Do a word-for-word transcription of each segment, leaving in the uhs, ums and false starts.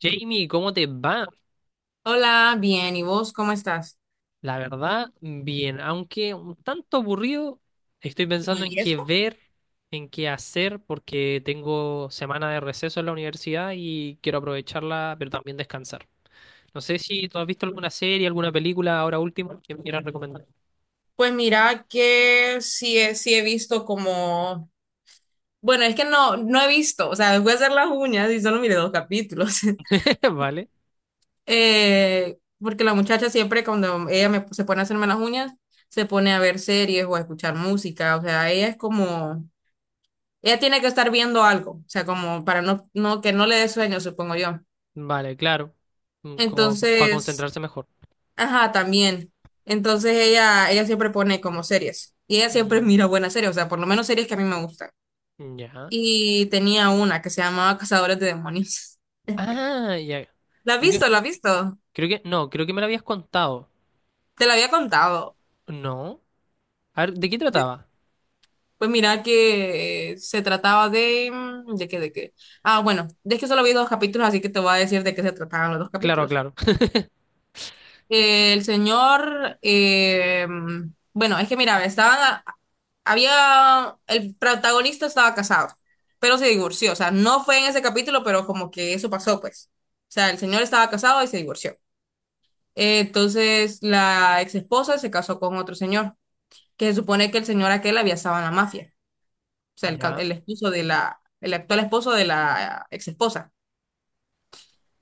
Jamie, ¿cómo te va? Hola, bien, ¿y vos cómo estás? La verdad, bien, aunque un tanto aburrido, estoy pensando en ¿Y qué eso? ver, en qué hacer, porque tengo semana de receso en la universidad y quiero aprovecharla, pero también descansar. No sé si tú has visto alguna serie, alguna película ahora último que me quieras recomendar. Pues mira que sí, he- sí he visto como, bueno, es que no, no he visto, o sea, voy a hacer las uñas y solo miré dos capítulos. Vale, Eh, porque la muchacha siempre cuando ella me, se pone a hacerme las uñas, se pone a ver series o a escuchar música, o sea, ella es como, ella tiene que estar viendo algo, o sea, como para no, no, que no le dé sueño, supongo yo. vale, claro. Mm, como para Entonces. concentrarse mejor. Ajá, también. Entonces ella, ella siempre pone como series. Y ella siempre Mm. mira buenas series, o sea, por lo menos series que a mí me gustan. Ya. Y tenía una que se llamaba Cazadores de Demonios. Ah, ya. ¿La has Creo que, visto? ¿La has visto? creo que, no, creo que me lo habías contado. Te la había contado. No. A ver, ¿de qué De- trataba? Pues mira que eh, se trataba de, mm, ¿de qué? ¿De qué? Ah, bueno, es que solo vi dos capítulos, así que te voy a decir de qué se trataban los dos Claro, capítulos. claro. Eh, el señor, eh, bueno, es que mira, estaban, a- había, el protagonista estaba casado, pero se divorció, o sea, no fue en ese capítulo, pero como que eso pasó, pues. O sea, el señor estaba casado y se divorció. Eh, entonces, la ex esposa se casó con otro señor, que se supone que el señor aquel había estado en la mafia, o sea, el, ca- Ya. el esposo de la, el actual esposo de la ex esposa.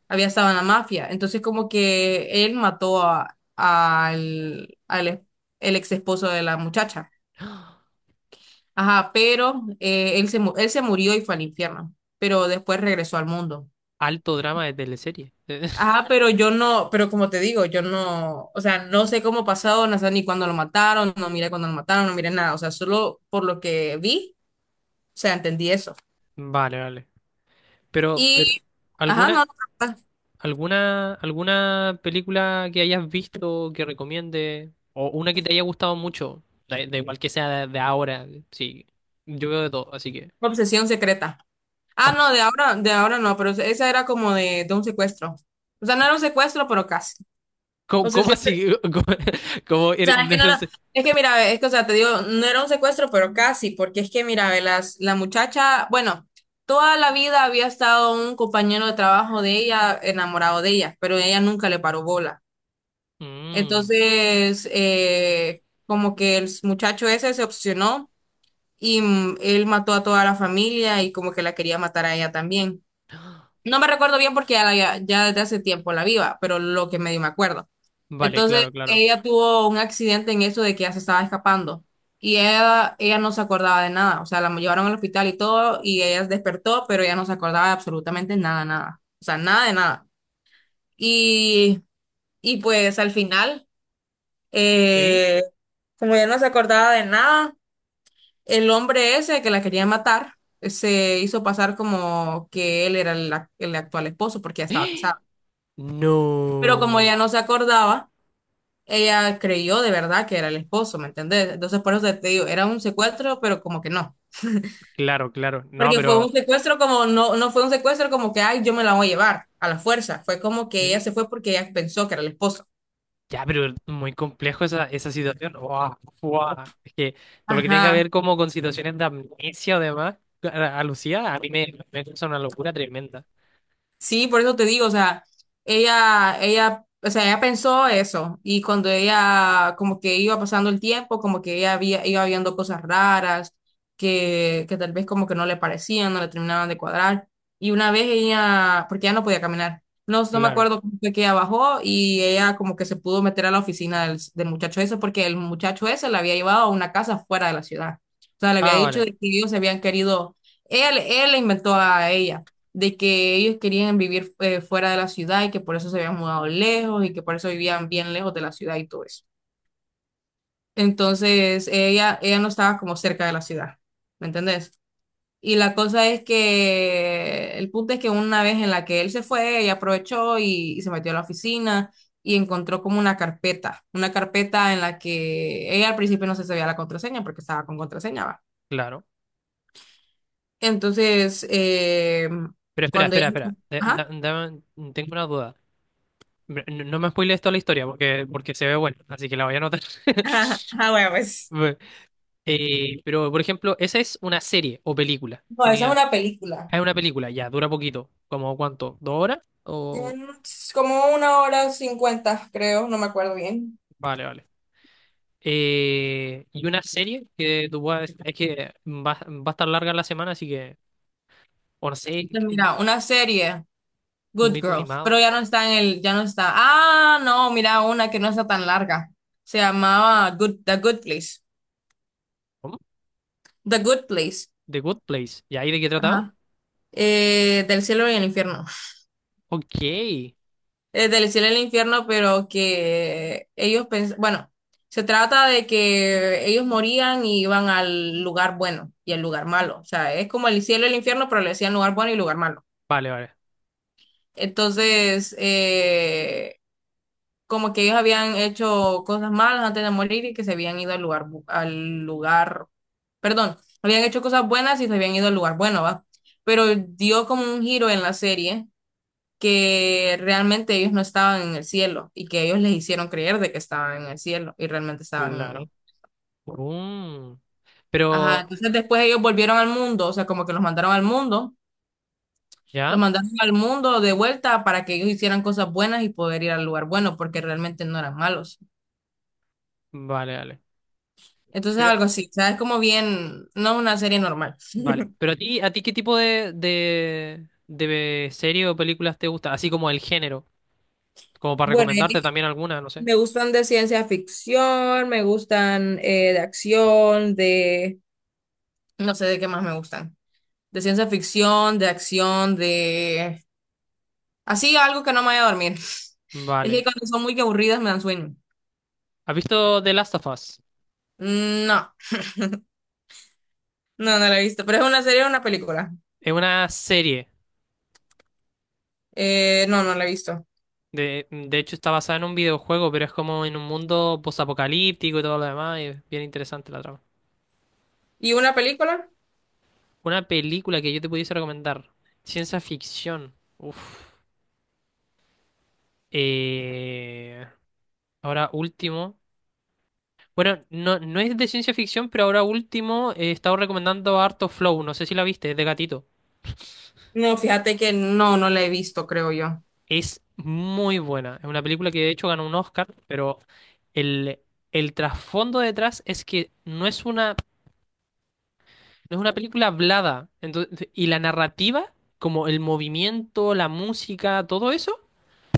Había estado en la mafia. Entonces, como que él mató a, al, al es- el ex esposo de la muchacha. Ajá, pero eh, él se, mu- él se murió y fue al infierno, pero después regresó al mundo. Alto drama de teleserie. Ajá, pero yo no, pero como te digo, yo no, o sea, no sé cómo pasó, no sé ni cuándo lo mataron, no miré cuándo lo mataron, no miré nada, o sea, solo por lo que vi, o sea, entendí eso. Vale, vale. Pero, pero, Y, ajá, ¿alguna, no, no, alguna, alguna película que hayas visto que recomiende? ¿O una que te haya gustado mucho? Da, da igual que sea de, de ahora. Sí. Yo veo de todo, así que. no, obsesión secreta. Ah, Ops. no, de ahora, de ahora no, pero esa era como de, de un secuestro. O sea, no era un secuestro, pero casi. ¿Cómo, O sea, cómo siempre, así? ¿Cómo, cómo o eres- sea, es no que no era, eres- es que mira, ve, es que, o sea, te digo, no era un secuestro, pero casi, porque es que mira, ve, las, la muchacha, bueno, toda la vida había estado un compañero de trabajo de ella enamorado de ella, pero ella nunca le paró bola. Mm, Entonces, eh, como que el muchacho ese se obsesionó y mm, él mató a toda la familia y como que la quería matar a ella también. No me recuerdo bien porque ya, la había- ya desde hace tiempo la viva, pero lo que medio me acuerdo. vale, claro, Entonces, claro. ella tuvo un accidente en eso de que ella se estaba escapando y ella, ella no se acordaba de nada. O sea, la llevaron al hospital y todo y ella despertó, pero ella no se acordaba de absolutamente nada, nada. O sea, nada de nada. Y, y pues al final, ¿Sí? eh, como ella no se acordaba de nada, el hombre ese que la quería matar eh, se hizo pasar como que él era el, ac- el actual esposo porque ya estaba casado. Pero como No. ella no se acordaba, ella creyó de verdad que era el esposo, ¿me entendés? Entonces por eso te digo, era un secuestro, pero como que no. Claro, claro. No, Porque fue pero. un secuestro como, no, no fue un secuestro como que, ay, yo me la voy a llevar a la fuerza. Fue como que ella se fue porque ella pensó que era el esposo. Ya, pero muy complejo esa, esa situación. Buah, buah. Es que todo lo que tenga que Ajá. ver como con situaciones de amnesia o demás, a, a Lucía, a mí me, me causa una locura tremenda. Sí, por eso te digo, o sea, ella, ella, o sea, ella pensó eso y cuando ella como que iba pasando el tiempo, como que ella había, iba viendo cosas raras que, que tal vez como que no le parecían, no le terminaban de cuadrar. Y una vez ella, porque ya no podía caminar, no, no me Claro. acuerdo cómo fue que ella bajó y ella como que se pudo meter a la oficina del, del muchacho ese porque el muchacho ese la había llevado a una casa fuera de la ciudad. O sea, le había Ah, dicho vale, de que ellos se habían querido, él, él le inventó a ella de que ellos querían vivir eh, fuera de la ciudad y que por eso se habían mudado lejos y que por eso vivían bien lejos de la ciudad y todo eso. Entonces, ella, ella no estaba como cerca de la ciudad, ¿me entendés? Y la cosa es que el punto es que una vez en la que él se fue, ella aprovechó y, y se metió a la oficina y encontró como una carpeta, una carpeta en la que ella al principio no se sabía la contraseña porque estaba con contraseña, ¿va? claro. Entonces, eh, Pero espera, cuando ella. espera, espera. Eh, Ajá. Da- dame- tengo una duda. Pero no, no me spoilees toda la historia, porque, porque se ve bueno, así que la voy a anotar. Ah, bueno, pues. Bueno, eh, pero, por ejemplo, ¿esa es una serie o película? No, esa es Tenía, una película. Es una película, ya, dura poquito. ¿Como cuánto? ¿Dos horas? O... Mm, Es como una hora cincuenta, creo, no me acuerdo bien. Vale, vale. Eh, y una serie que tú puedas, es que va, va a estar larga la semana, así que, o no sé, Pues qué- mira, una serie, un Good mito Girl, pero animado. ya no está en el, ya no está. Ah, no, mira, una que no está tan larga. Se llamaba Good, The Good Place. ¿Cómo? The Good Place. The Good Place. ¿Y ahí de qué trataba? Ajá. Eh, del cielo y el infierno. Ok. Eh, del cielo al infierno, pero que ellos pens- bueno, se trata de que ellos morían y iban al lugar bueno y al lugar malo. O sea, es como el cielo y el infierno, pero le decían lugar bueno y lugar malo. Vale, vale. Entonces, eh, como que ellos habían hecho cosas malas antes de morir y que se habían ido al lugar, bu- al lugar, perdón, habían hecho cosas buenas y se habían ido al lugar bueno, ¿va? Pero dio como un giro en la serie que realmente ellos no estaban en el cielo y que ellos les hicieron creer de que estaban en el cielo y realmente estaban en Claro. el. Mm. Ajá, Pero, entonces después ellos volvieron al mundo, o sea, como que los mandaron al mundo, los ¿ya? mandaron al mundo de vuelta para que ellos hicieran cosas buenas y poder ir al lugar bueno, porque realmente no eran malos. Vale, vale. Entonces Pero, algo así, o sea, es como bien, no es una serie normal. vale. Pero a ti, ¿a ti qué tipo de, de, de serie o películas te gusta? Así como el género. Como para Bueno, recomendarte y también alguna, no sé. me gustan de ciencia ficción, me gustan eh, de acción, de. No sé de qué más me gustan. De ciencia ficción, de acción, de. Así algo que no me vaya a dormir. Es que Vale. cuando son muy aburridas me dan sueño. ¿Has visto The Last of Us? Mm, no, no, no la he visto. Pero es una serie o una película. Es una serie. Eh, no, no la he visto. De, de hecho, está basada en un videojuego, pero es como en un mundo posapocalíptico y todo lo demás. Y es bien interesante la trama. ¿Y una película? Una película que yo te pudiese recomendar. Ciencia ficción. Uf. Eh, ahora último. Bueno, no, no es de ciencia ficción, pero ahora último, eh, he estado recomendando harto Flow. No sé si la viste, es de gatito. No, fíjate que no, no la he visto, creo yo. Es muy buena. Es una película que de hecho ganó un Oscar, pero el, el trasfondo detrás es que no es una. No es una película hablada. Entonces, y la narrativa, como el movimiento, la música, todo eso,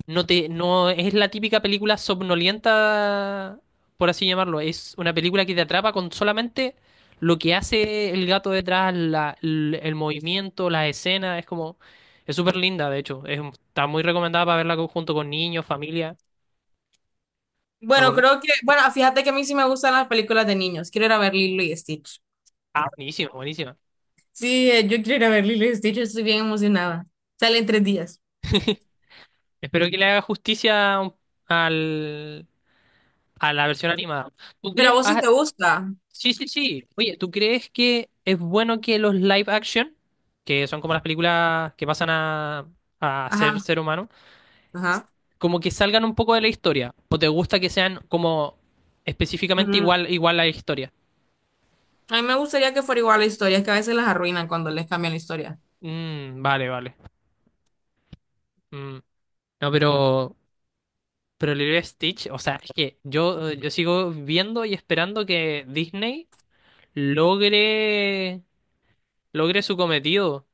no te, no es la típica película somnolienta, por así llamarlo. Es una película que te atrapa con solamente lo que hace el gato detrás, la- l- el, movimiento, las escenas. Es como, es súper linda, de hecho. Es- está muy recomendada para verla co- junto con niños, familia. Me Bueno, acordé. creo que, bueno, fíjate que a mí sí me gustan las películas de niños. Quiero ir a ver Lilo y Stitch. Ah, buenísima, buenísima. Sí, eh, yo quiero ir a ver Lilo y Stitch, estoy bien emocionada. Sale en tres días. Espero que le haga justicia al, a la versión animada. ¿Tú Pero a crees? vos sí te gusta. Sí, sí, sí. Oye, ¿tú crees que es bueno que los live action, que son como las películas que pasan a, a ser Ajá, ser humano, s- ajá. como que salgan un poco de la historia? ¿O te gusta que sean como específicamente Mm. igual, igual a la historia? A mí me gustaría que fuera igual la historia, es que a veces las arruinan cuando les cambian la historia. Mm, vale, vale. Mm. No, pero, pero Lilo y Stitch, o sea, es que yo, yo sigo viendo y esperando que Disney logre, logre su cometido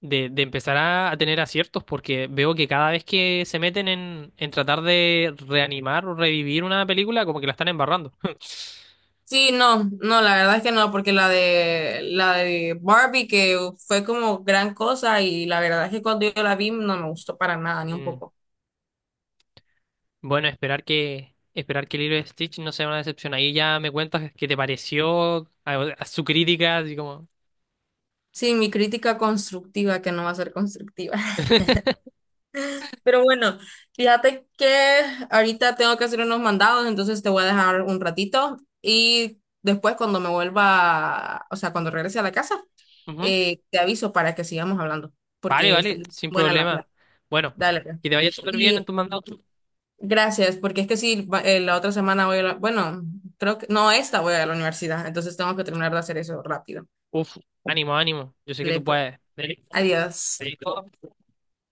de, de empezar a, a tener aciertos, porque veo que cada vez que se meten en, en tratar de reanimar o revivir una película, como que la están embarrando. Sí, no, no, la verdad es que no, porque la de la de Barbie que fue como gran cosa y la verdad es que cuando yo la vi no me gustó para nada, ni un Mm. poco. Bueno, esperar que esperar que Lilo y Stitch no sea una decepción. Ahí ya me cuentas qué te pareció, a, a su crítica, así como. Sí, mi crítica constructiva que no va a ser constructiva. Pero bueno, fíjate que ahorita tengo que hacer unos mandados, entonces te voy a dejar un ratito y después cuando me vuelva, o sea, cuando regrese a la casa, Ujú. eh, te aviso para que sigamos hablando, Vale, porque es vale, sin buena la problema. plata. Bueno, Dale, pues. que te vaya súper bien en Y tu mandato. gracias, porque es que sí, va- eh, la otra semana voy a la, bueno, creo que, no, esta voy a la universidad, entonces tengo que terminar de hacer eso rápido. Uf, ánimo, ánimo. Yo sé que Dale, tú pues, puedes. Dale. adiós. Dale.